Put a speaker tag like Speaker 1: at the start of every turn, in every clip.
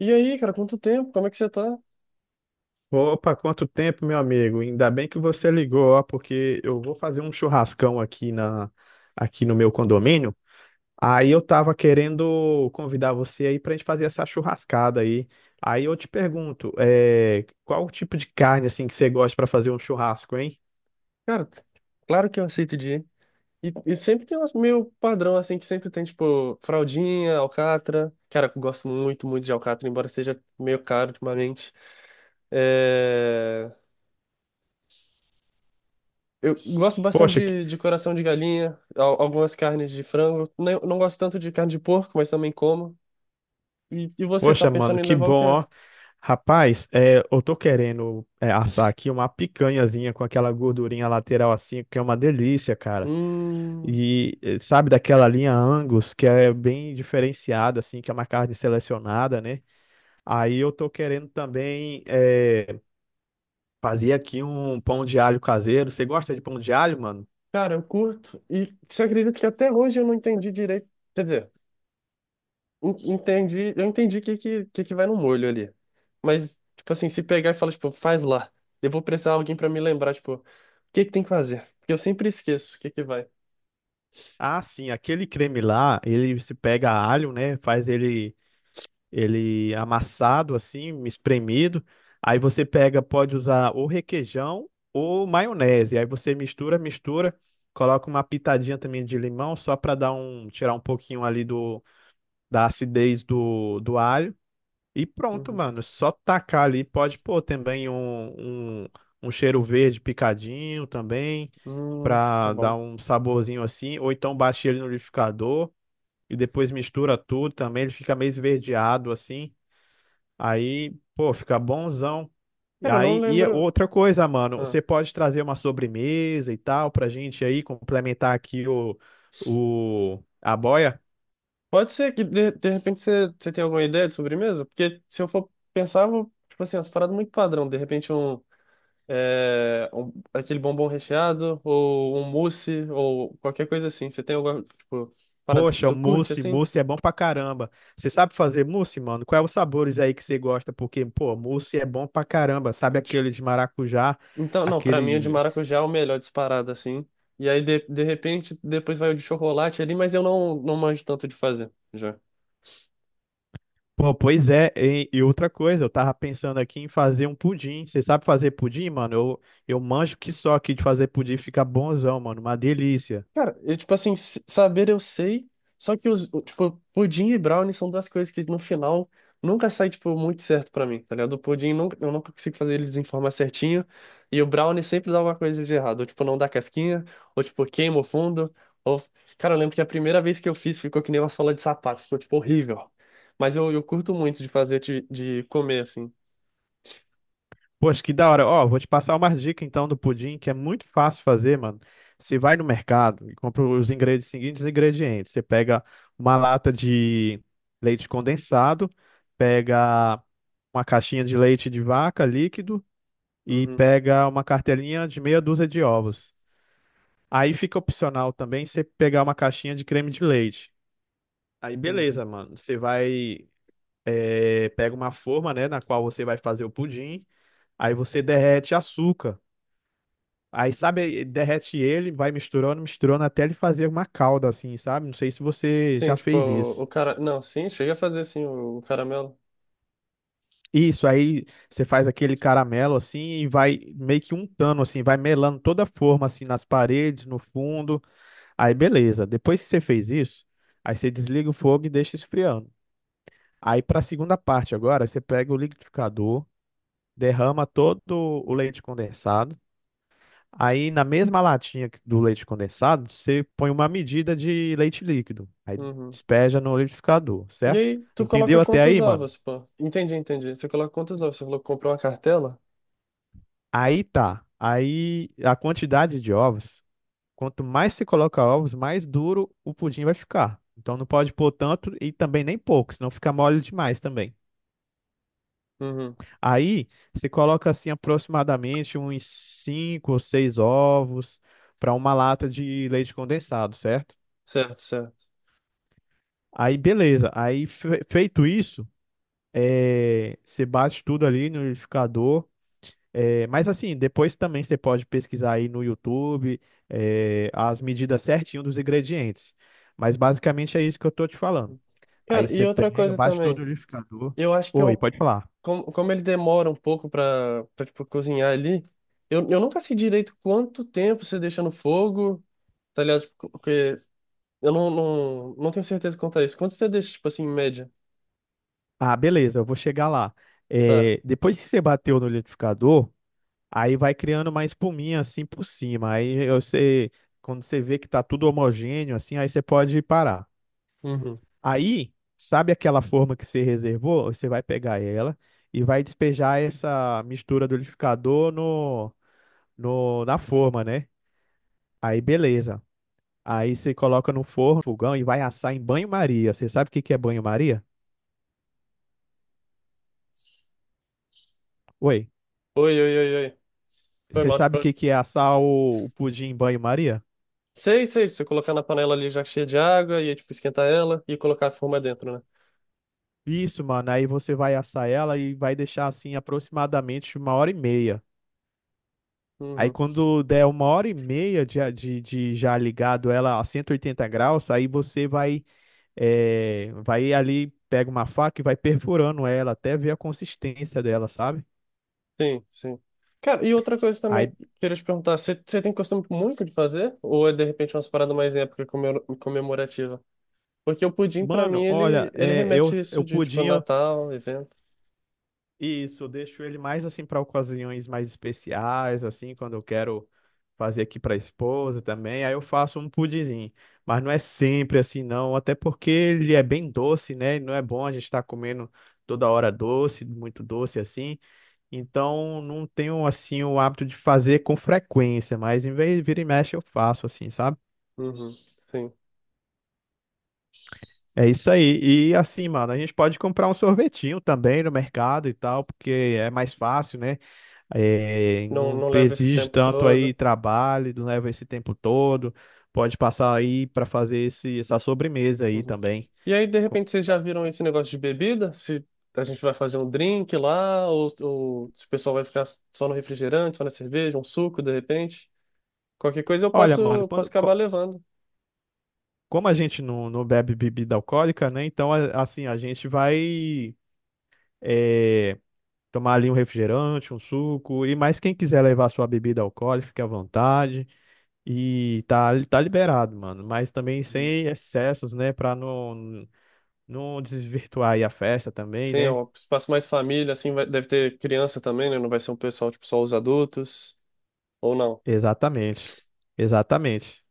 Speaker 1: E aí, cara, quanto tempo? Como é que você tá?
Speaker 2: Opa, quanto tempo, meu amigo? Ainda bem que você ligou, ó, porque eu vou fazer um churrascão aqui no meu condomínio. Aí eu tava querendo convidar você aí pra gente fazer essa churrascada aí. Aí eu te pergunto, qual o tipo de carne assim que você gosta pra fazer um churrasco, hein?
Speaker 1: Cara, claro que eu aceito de ir. E sempre tem umas meio padrão, assim, que sempre tem, tipo, fraldinha, alcatra. Cara, eu gosto muito, muito de alcatra, embora seja meio caro ultimamente. É... Eu gosto bastante
Speaker 2: Poxa, que-
Speaker 1: de coração de galinha, algumas carnes de frango. Não, não gosto tanto de carne de porco, mas também como. E você, tá
Speaker 2: Poxa, mano,
Speaker 1: pensando em
Speaker 2: que
Speaker 1: levar
Speaker 2: bom,
Speaker 1: o quê?
Speaker 2: ó. Rapaz, eu tô querendo assar aqui uma picanhazinha com aquela gordurinha lateral assim, que é uma delícia, cara.
Speaker 1: Hum.
Speaker 2: E sabe daquela linha Angus, que é bem diferenciada, assim, que é uma carne selecionada, né? Aí eu tô querendo também fazer aqui um pão de alho caseiro. Você gosta de pão de alho, mano?
Speaker 1: Cara, eu curto. E você acredita que até hoje eu não entendi direito? Quer dizer. Entendi, eu entendi o que vai no molho ali. Mas, tipo assim, se pegar e falar, tipo, faz lá. Eu vou precisar de alguém pra me lembrar, tipo, o que que tem que fazer? Porque eu sempre esqueço o que que vai.
Speaker 2: Ah, sim, aquele creme lá, ele se pega alho, né? Ele amassado, assim, espremido. Aí você pega, pode usar ou requeijão ou maionese. Aí você mistura, mistura, coloca uma pitadinha também de limão, só para dar um, tirar um pouquinho ali do da acidez do alho. E pronto,
Speaker 1: Uhum.
Speaker 2: mano. Só tacar ali. Pode pôr também um cheiro verde picadinho também,
Speaker 1: Hum, tá
Speaker 2: pra
Speaker 1: bom.
Speaker 2: dar um saborzinho assim. Ou então bate ele no liquidificador e depois mistura tudo também. Ele fica meio esverdeado assim. Aí, pô, fica bonzão. E
Speaker 1: Cara, eu não
Speaker 2: aí, e é
Speaker 1: lembro.
Speaker 2: outra coisa, mano,
Speaker 1: Ah.
Speaker 2: você pode trazer uma sobremesa e tal pra gente aí complementar aqui a boia.
Speaker 1: Pode ser que, de repente, você tenha alguma ideia de sobremesa? Porque se eu for pensar, eu vou, tipo assim, umas paradas muito padrão. De repente, aquele bombom recheado, ou um mousse, ou qualquer coisa assim. Você tem alguma, tipo, parada que
Speaker 2: Poxa,
Speaker 1: tu curte,
Speaker 2: mousse,
Speaker 1: assim?
Speaker 2: mousse é bom pra caramba. Você sabe fazer mousse, mano? Quais os sabores aí que você gosta? Porque, pô, mousse é bom pra caramba. Sabe aquele de maracujá?
Speaker 1: Então, não, pra mim o de
Speaker 2: Aquele.
Speaker 1: maracujá é o melhor disparado, assim. E aí, de repente, depois vai o de chocolate ali, mas eu não, não manjo tanto de fazer, já.
Speaker 2: Pô, pois é. E outra coisa, eu tava pensando aqui em fazer um pudim. Você sabe fazer pudim, mano? Eu manjo que só aqui de fazer pudim fica bonzão, mano. Uma delícia.
Speaker 1: Cara, eu, tipo assim, saber eu sei, só que tipo, pudim e brownie são duas coisas que no final nunca sai, tipo, muito certo pra mim, tá ligado? O pudim nunca, eu nunca consigo fazer eles em forma certinho, e o brownie sempre dá alguma coisa de errado, ou tipo, não dá casquinha, ou tipo, queima o fundo, ou. Cara, eu lembro que a primeira vez que eu fiz ficou que nem uma sola de sapato, ficou, tipo, horrível. Mas eu curto muito de fazer, de comer, assim.
Speaker 2: Poxa, que da hora. Ó, vou te passar uma dica então do pudim, que é muito fácil fazer, mano. Você vai no mercado e compra os ingredientes, seguintes ingredientes. Você pega uma lata de leite condensado, pega uma caixinha de leite de vaca líquido e
Speaker 1: Uhum,
Speaker 2: pega uma cartelinha de meia dúzia de ovos. Aí fica opcional também você pegar uma caixinha de creme de leite. Aí
Speaker 1: uhum.
Speaker 2: beleza, mano. Você vai, pega uma forma, né, na qual você vai fazer o pudim. Aí você derrete açúcar. Aí, sabe, derrete ele, vai misturando, misturando até ele fazer uma calda assim, sabe? Não sei se você
Speaker 1: Sim,
Speaker 2: já
Speaker 1: tipo,
Speaker 2: fez isso.
Speaker 1: o cara. Não, sim, chega a fazer, sim, o caramelo.
Speaker 2: Isso, aí você faz aquele caramelo assim e vai meio que untando assim, vai melando toda a forma assim nas paredes, no fundo. Aí beleza. Depois que você fez isso, aí você desliga o fogo e deixa esfriando. Aí para a segunda parte agora, você pega o liquidificador, derrama todo o leite condensado. Aí na mesma latinha do leite condensado, você põe uma medida de leite líquido. Aí
Speaker 1: Uhum.
Speaker 2: despeja no liquidificador,
Speaker 1: E
Speaker 2: certo?
Speaker 1: aí, tu coloca
Speaker 2: Entendeu até
Speaker 1: quantos
Speaker 2: aí, mano?
Speaker 1: ovos, pô? Entendi, entendi. Você coloca quantos ovos? Você falou que comprou uma cartela?
Speaker 2: Aí tá. Aí a quantidade de ovos, quanto mais se coloca ovos, mais duro o pudim vai ficar. Então não pode pôr tanto e também nem pouco, senão fica mole demais também.
Speaker 1: Uhum.
Speaker 2: Aí você coloca assim aproximadamente uns 5 ou 6 ovos para uma lata de leite condensado, certo?
Speaker 1: Certo, certo.
Speaker 2: Aí, beleza. Aí, feito isso, você bate tudo ali no liquidificador. É, mas assim, depois também você pode pesquisar aí no YouTube, as medidas certinho dos ingredientes. Mas basicamente é isso que eu tô te falando. Aí
Speaker 1: Cara, e
Speaker 2: você
Speaker 1: outra
Speaker 2: pega,
Speaker 1: coisa
Speaker 2: bate tudo
Speaker 1: também.
Speaker 2: no liquidificador.
Speaker 1: Eu acho que
Speaker 2: Oi,
Speaker 1: eu,
Speaker 2: pode falar.
Speaker 1: como, como ele demora um pouco pra tipo, cozinhar ali, eu nunca sei direito quanto tempo você deixa no fogo, tá ligado? Tipo, porque eu não tenho certeza quanto é isso. Quanto você deixa, tipo assim, em média?
Speaker 2: Ah, beleza, eu vou chegar lá.
Speaker 1: Tá.
Speaker 2: É, depois que você bateu no liquidificador, aí vai criando uma espuminha assim por cima. Você, quando você vê que tá tudo homogêneo assim, aí você pode parar.
Speaker 1: Uhum.
Speaker 2: Aí, sabe aquela forma que você reservou? Você vai pegar ela e vai despejar essa mistura do liquidificador no, no, na forma, né? Aí, beleza. Aí você coloca no forno, fogão e vai assar em banho-maria. Você sabe o que que é banho-maria? Oi,
Speaker 1: Oi, oi, oi, oi. Foi
Speaker 2: você
Speaker 1: mal,
Speaker 2: sabe
Speaker 1: tipo.
Speaker 2: o que que é assar o pudim em banho-maria?
Speaker 1: Sei, sei. Se você colocar na panela ali já cheia de água, e aí, tipo, esquentar ela e colocar a forma dentro, né?
Speaker 2: Isso, mano. Aí você vai assar ela e vai deixar assim aproximadamente uma hora e meia. Aí
Speaker 1: Uhum.
Speaker 2: quando der uma hora e meia de já ligado ela a 180 graus, aí você vai. É, vai ali, pega uma faca e vai perfurando ela até ver a consistência dela, sabe?
Speaker 1: Sim, sim. Cara, e outra coisa também
Speaker 2: Aí,
Speaker 1: que eu queria te perguntar, você tem costume muito de fazer? Ou é de repente uma parada mais em época comemorativa? Porque o pudim, pra
Speaker 2: mano,
Speaker 1: mim, ele,
Speaker 2: olha,
Speaker 1: ele remete isso
Speaker 2: eu
Speaker 1: de tipo
Speaker 2: pudim,
Speaker 1: Natal, evento.
Speaker 2: isso, eu deixo ele mais assim para ocasiões mais especiais, assim, quando eu quero fazer aqui para esposa também. Aí eu faço um pudinzinho, mas não é sempre assim, não, até porque ele é bem doce, né? E não é bom a gente estar comendo toda hora doce, muito doce assim. Então, não tenho assim o hábito de fazer com frequência, mas em vez de vira e mexe eu faço assim, sabe?
Speaker 1: Uhum, sim.
Speaker 2: É isso aí. E assim, mano, a gente pode comprar um sorvetinho também no mercado e tal, porque é mais fácil, né? É,
Speaker 1: Não,
Speaker 2: não
Speaker 1: não leva esse
Speaker 2: exige
Speaker 1: tempo
Speaker 2: tanto
Speaker 1: todo.
Speaker 2: aí trabalho, não leva esse tempo todo. Pode passar aí para fazer essa sobremesa aí
Speaker 1: Uhum.
Speaker 2: também.
Speaker 1: E aí, de
Speaker 2: Co-
Speaker 1: repente, vocês já viram esse negócio de bebida? Se a gente vai fazer um drink lá, ou se o pessoal vai ficar só no refrigerante, só na cerveja, um suco, de repente. Qualquer coisa eu
Speaker 2: Olha, mano,
Speaker 1: posso, posso acabar levando.
Speaker 2: como a gente não bebe bebida alcoólica, né? Então, assim, a gente vai, é, tomar ali um refrigerante, um suco. E mais quem quiser levar sua bebida alcoólica, fique à vontade. E tá liberado, mano. Mas também sem excessos, né? Pra não, não desvirtuar aí a festa também,
Speaker 1: Sim, é
Speaker 2: né?
Speaker 1: um espaço mais família, assim, vai- deve ter criança também, né? Não vai ser um pessoal, tipo, só os adultos, ou não?
Speaker 2: Exatamente. Exatamente.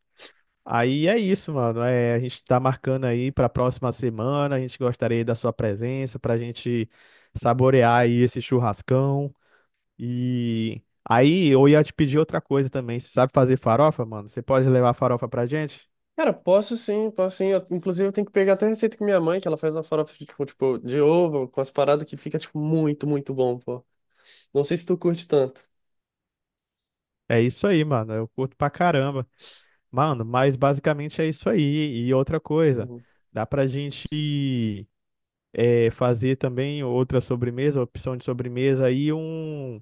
Speaker 2: Aí é isso, mano. É, a gente tá marcando aí pra próxima semana. A gente gostaria da sua presença pra gente saborear aí esse churrascão. E aí eu ia te pedir outra coisa também. Você sabe fazer farofa, mano? Você pode levar farofa pra gente?
Speaker 1: Cara, posso sim, posso sim. Eu- inclusive, eu tenho que pegar até a receita com minha mãe, que ela faz uma farofa, tipo, de ovo, com as paradas que fica, tipo, muito, muito bom, pô. Não sei se tu curte tanto.
Speaker 2: É isso aí, mano. Eu curto pra caramba. Mano, mas basicamente é isso aí. E outra coisa,
Speaker 1: Uhum.
Speaker 2: dá pra gente fazer também outra sobremesa, opção de sobremesa aí,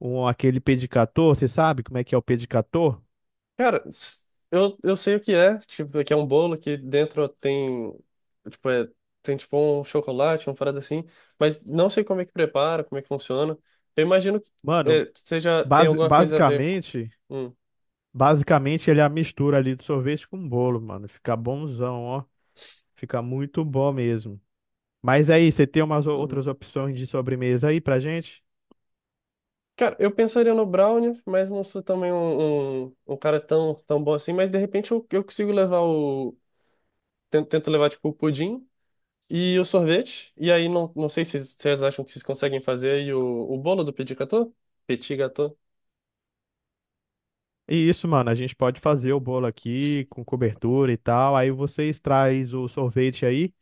Speaker 2: um aquele pedicator. Você sabe como é que é o pedicator?
Speaker 1: Cara, eu sei o que é, tipo, que é um bolo que dentro tem, tipo, é, tem, tipo, um chocolate, uma parada assim, mas não sei como é que prepara, como é que funciona. Eu imagino que
Speaker 2: Mano,
Speaker 1: é, seja, tem
Speaker 2: basi-
Speaker 1: alguma coisa a ver com.
Speaker 2: basicamente,
Speaker 1: Hum.
Speaker 2: basicamente ele é a mistura ali de sorvete com bolo, mano. Fica bonzão, ó. Fica muito bom mesmo. Mas aí, você tem umas
Speaker 1: Uhum.
Speaker 2: outras opções de sobremesa aí pra gente?
Speaker 1: Cara, eu pensaria no Brownie, mas não sou também um cara tão, tão bom assim. Mas de repente eu consigo levar o. Tento, tento levar tipo o pudim e o sorvete. E aí não, não sei se vocês acham que vocês conseguem fazer. E o bolo do petit gâteau? Petit gâteau.
Speaker 2: E isso, mano, a gente pode fazer o bolo aqui com cobertura e tal. Aí vocês traz o sorvete aí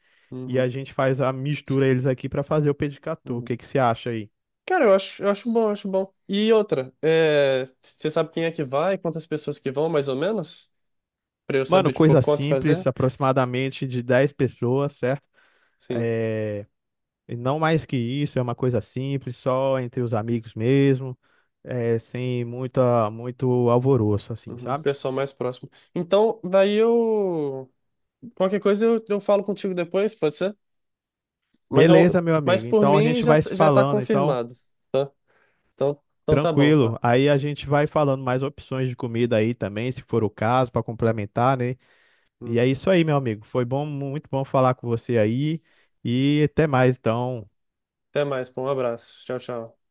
Speaker 2: e a
Speaker 1: Uhum,
Speaker 2: gente faz a mistura eles aqui pra fazer o pedicat gâteau. O
Speaker 1: uhum.
Speaker 2: que que você acha aí?
Speaker 1: Cara, eu acho bom, eu acho bom. E outra, é, você sabe quem é que vai, quantas pessoas que vão, mais ou menos? Pra eu
Speaker 2: Mano,
Speaker 1: saber, tipo,
Speaker 2: coisa
Speaker 1: quanto fazer?
Speaker 2: simples, aproximadamente de 10 pessoas, certo?
Speaker 1: Sim.
Speaker 2: É, e não mais que isso, é uma coisa simples, só entre os amigos mesmo, é, sem muita, muito alvoroço, assim,
Speaker 1: Uhum.
Speaker 2: sabe?
Speaker 1: Pessoal mais próximo. Então, daí eu. Qualquer coisa eu falo contigo depois, pode ser? Mas, eu,
Speaker 2: Beleza, meu
Speaker 1: mas
Speaker 2: amigo.
Speaker 1: por
Speaker 2: Então a
Speaker 1: mim
Speaker 2: gente
Speaker 1: já,
Speaker 2: vai se
Speaker 1: já tá
Speaker 2: falando, então,
Speaker 1: confirmado, tá? Então, então tá bom,
Speaker 2: tranquilo.
Speaker 1: pá.
Speaker 2: Aí a gente vai falando mais opções de comida aí também, se for o caso, para complementar, né? E é
Speaker 1: Uhum.
Speaker 2: isso aí, meu amigo. Foi bom, muito bom falar com você aí. E até mais, então.
Speaker 1: Até mais, pô. Um abraço. Tchau, tchau.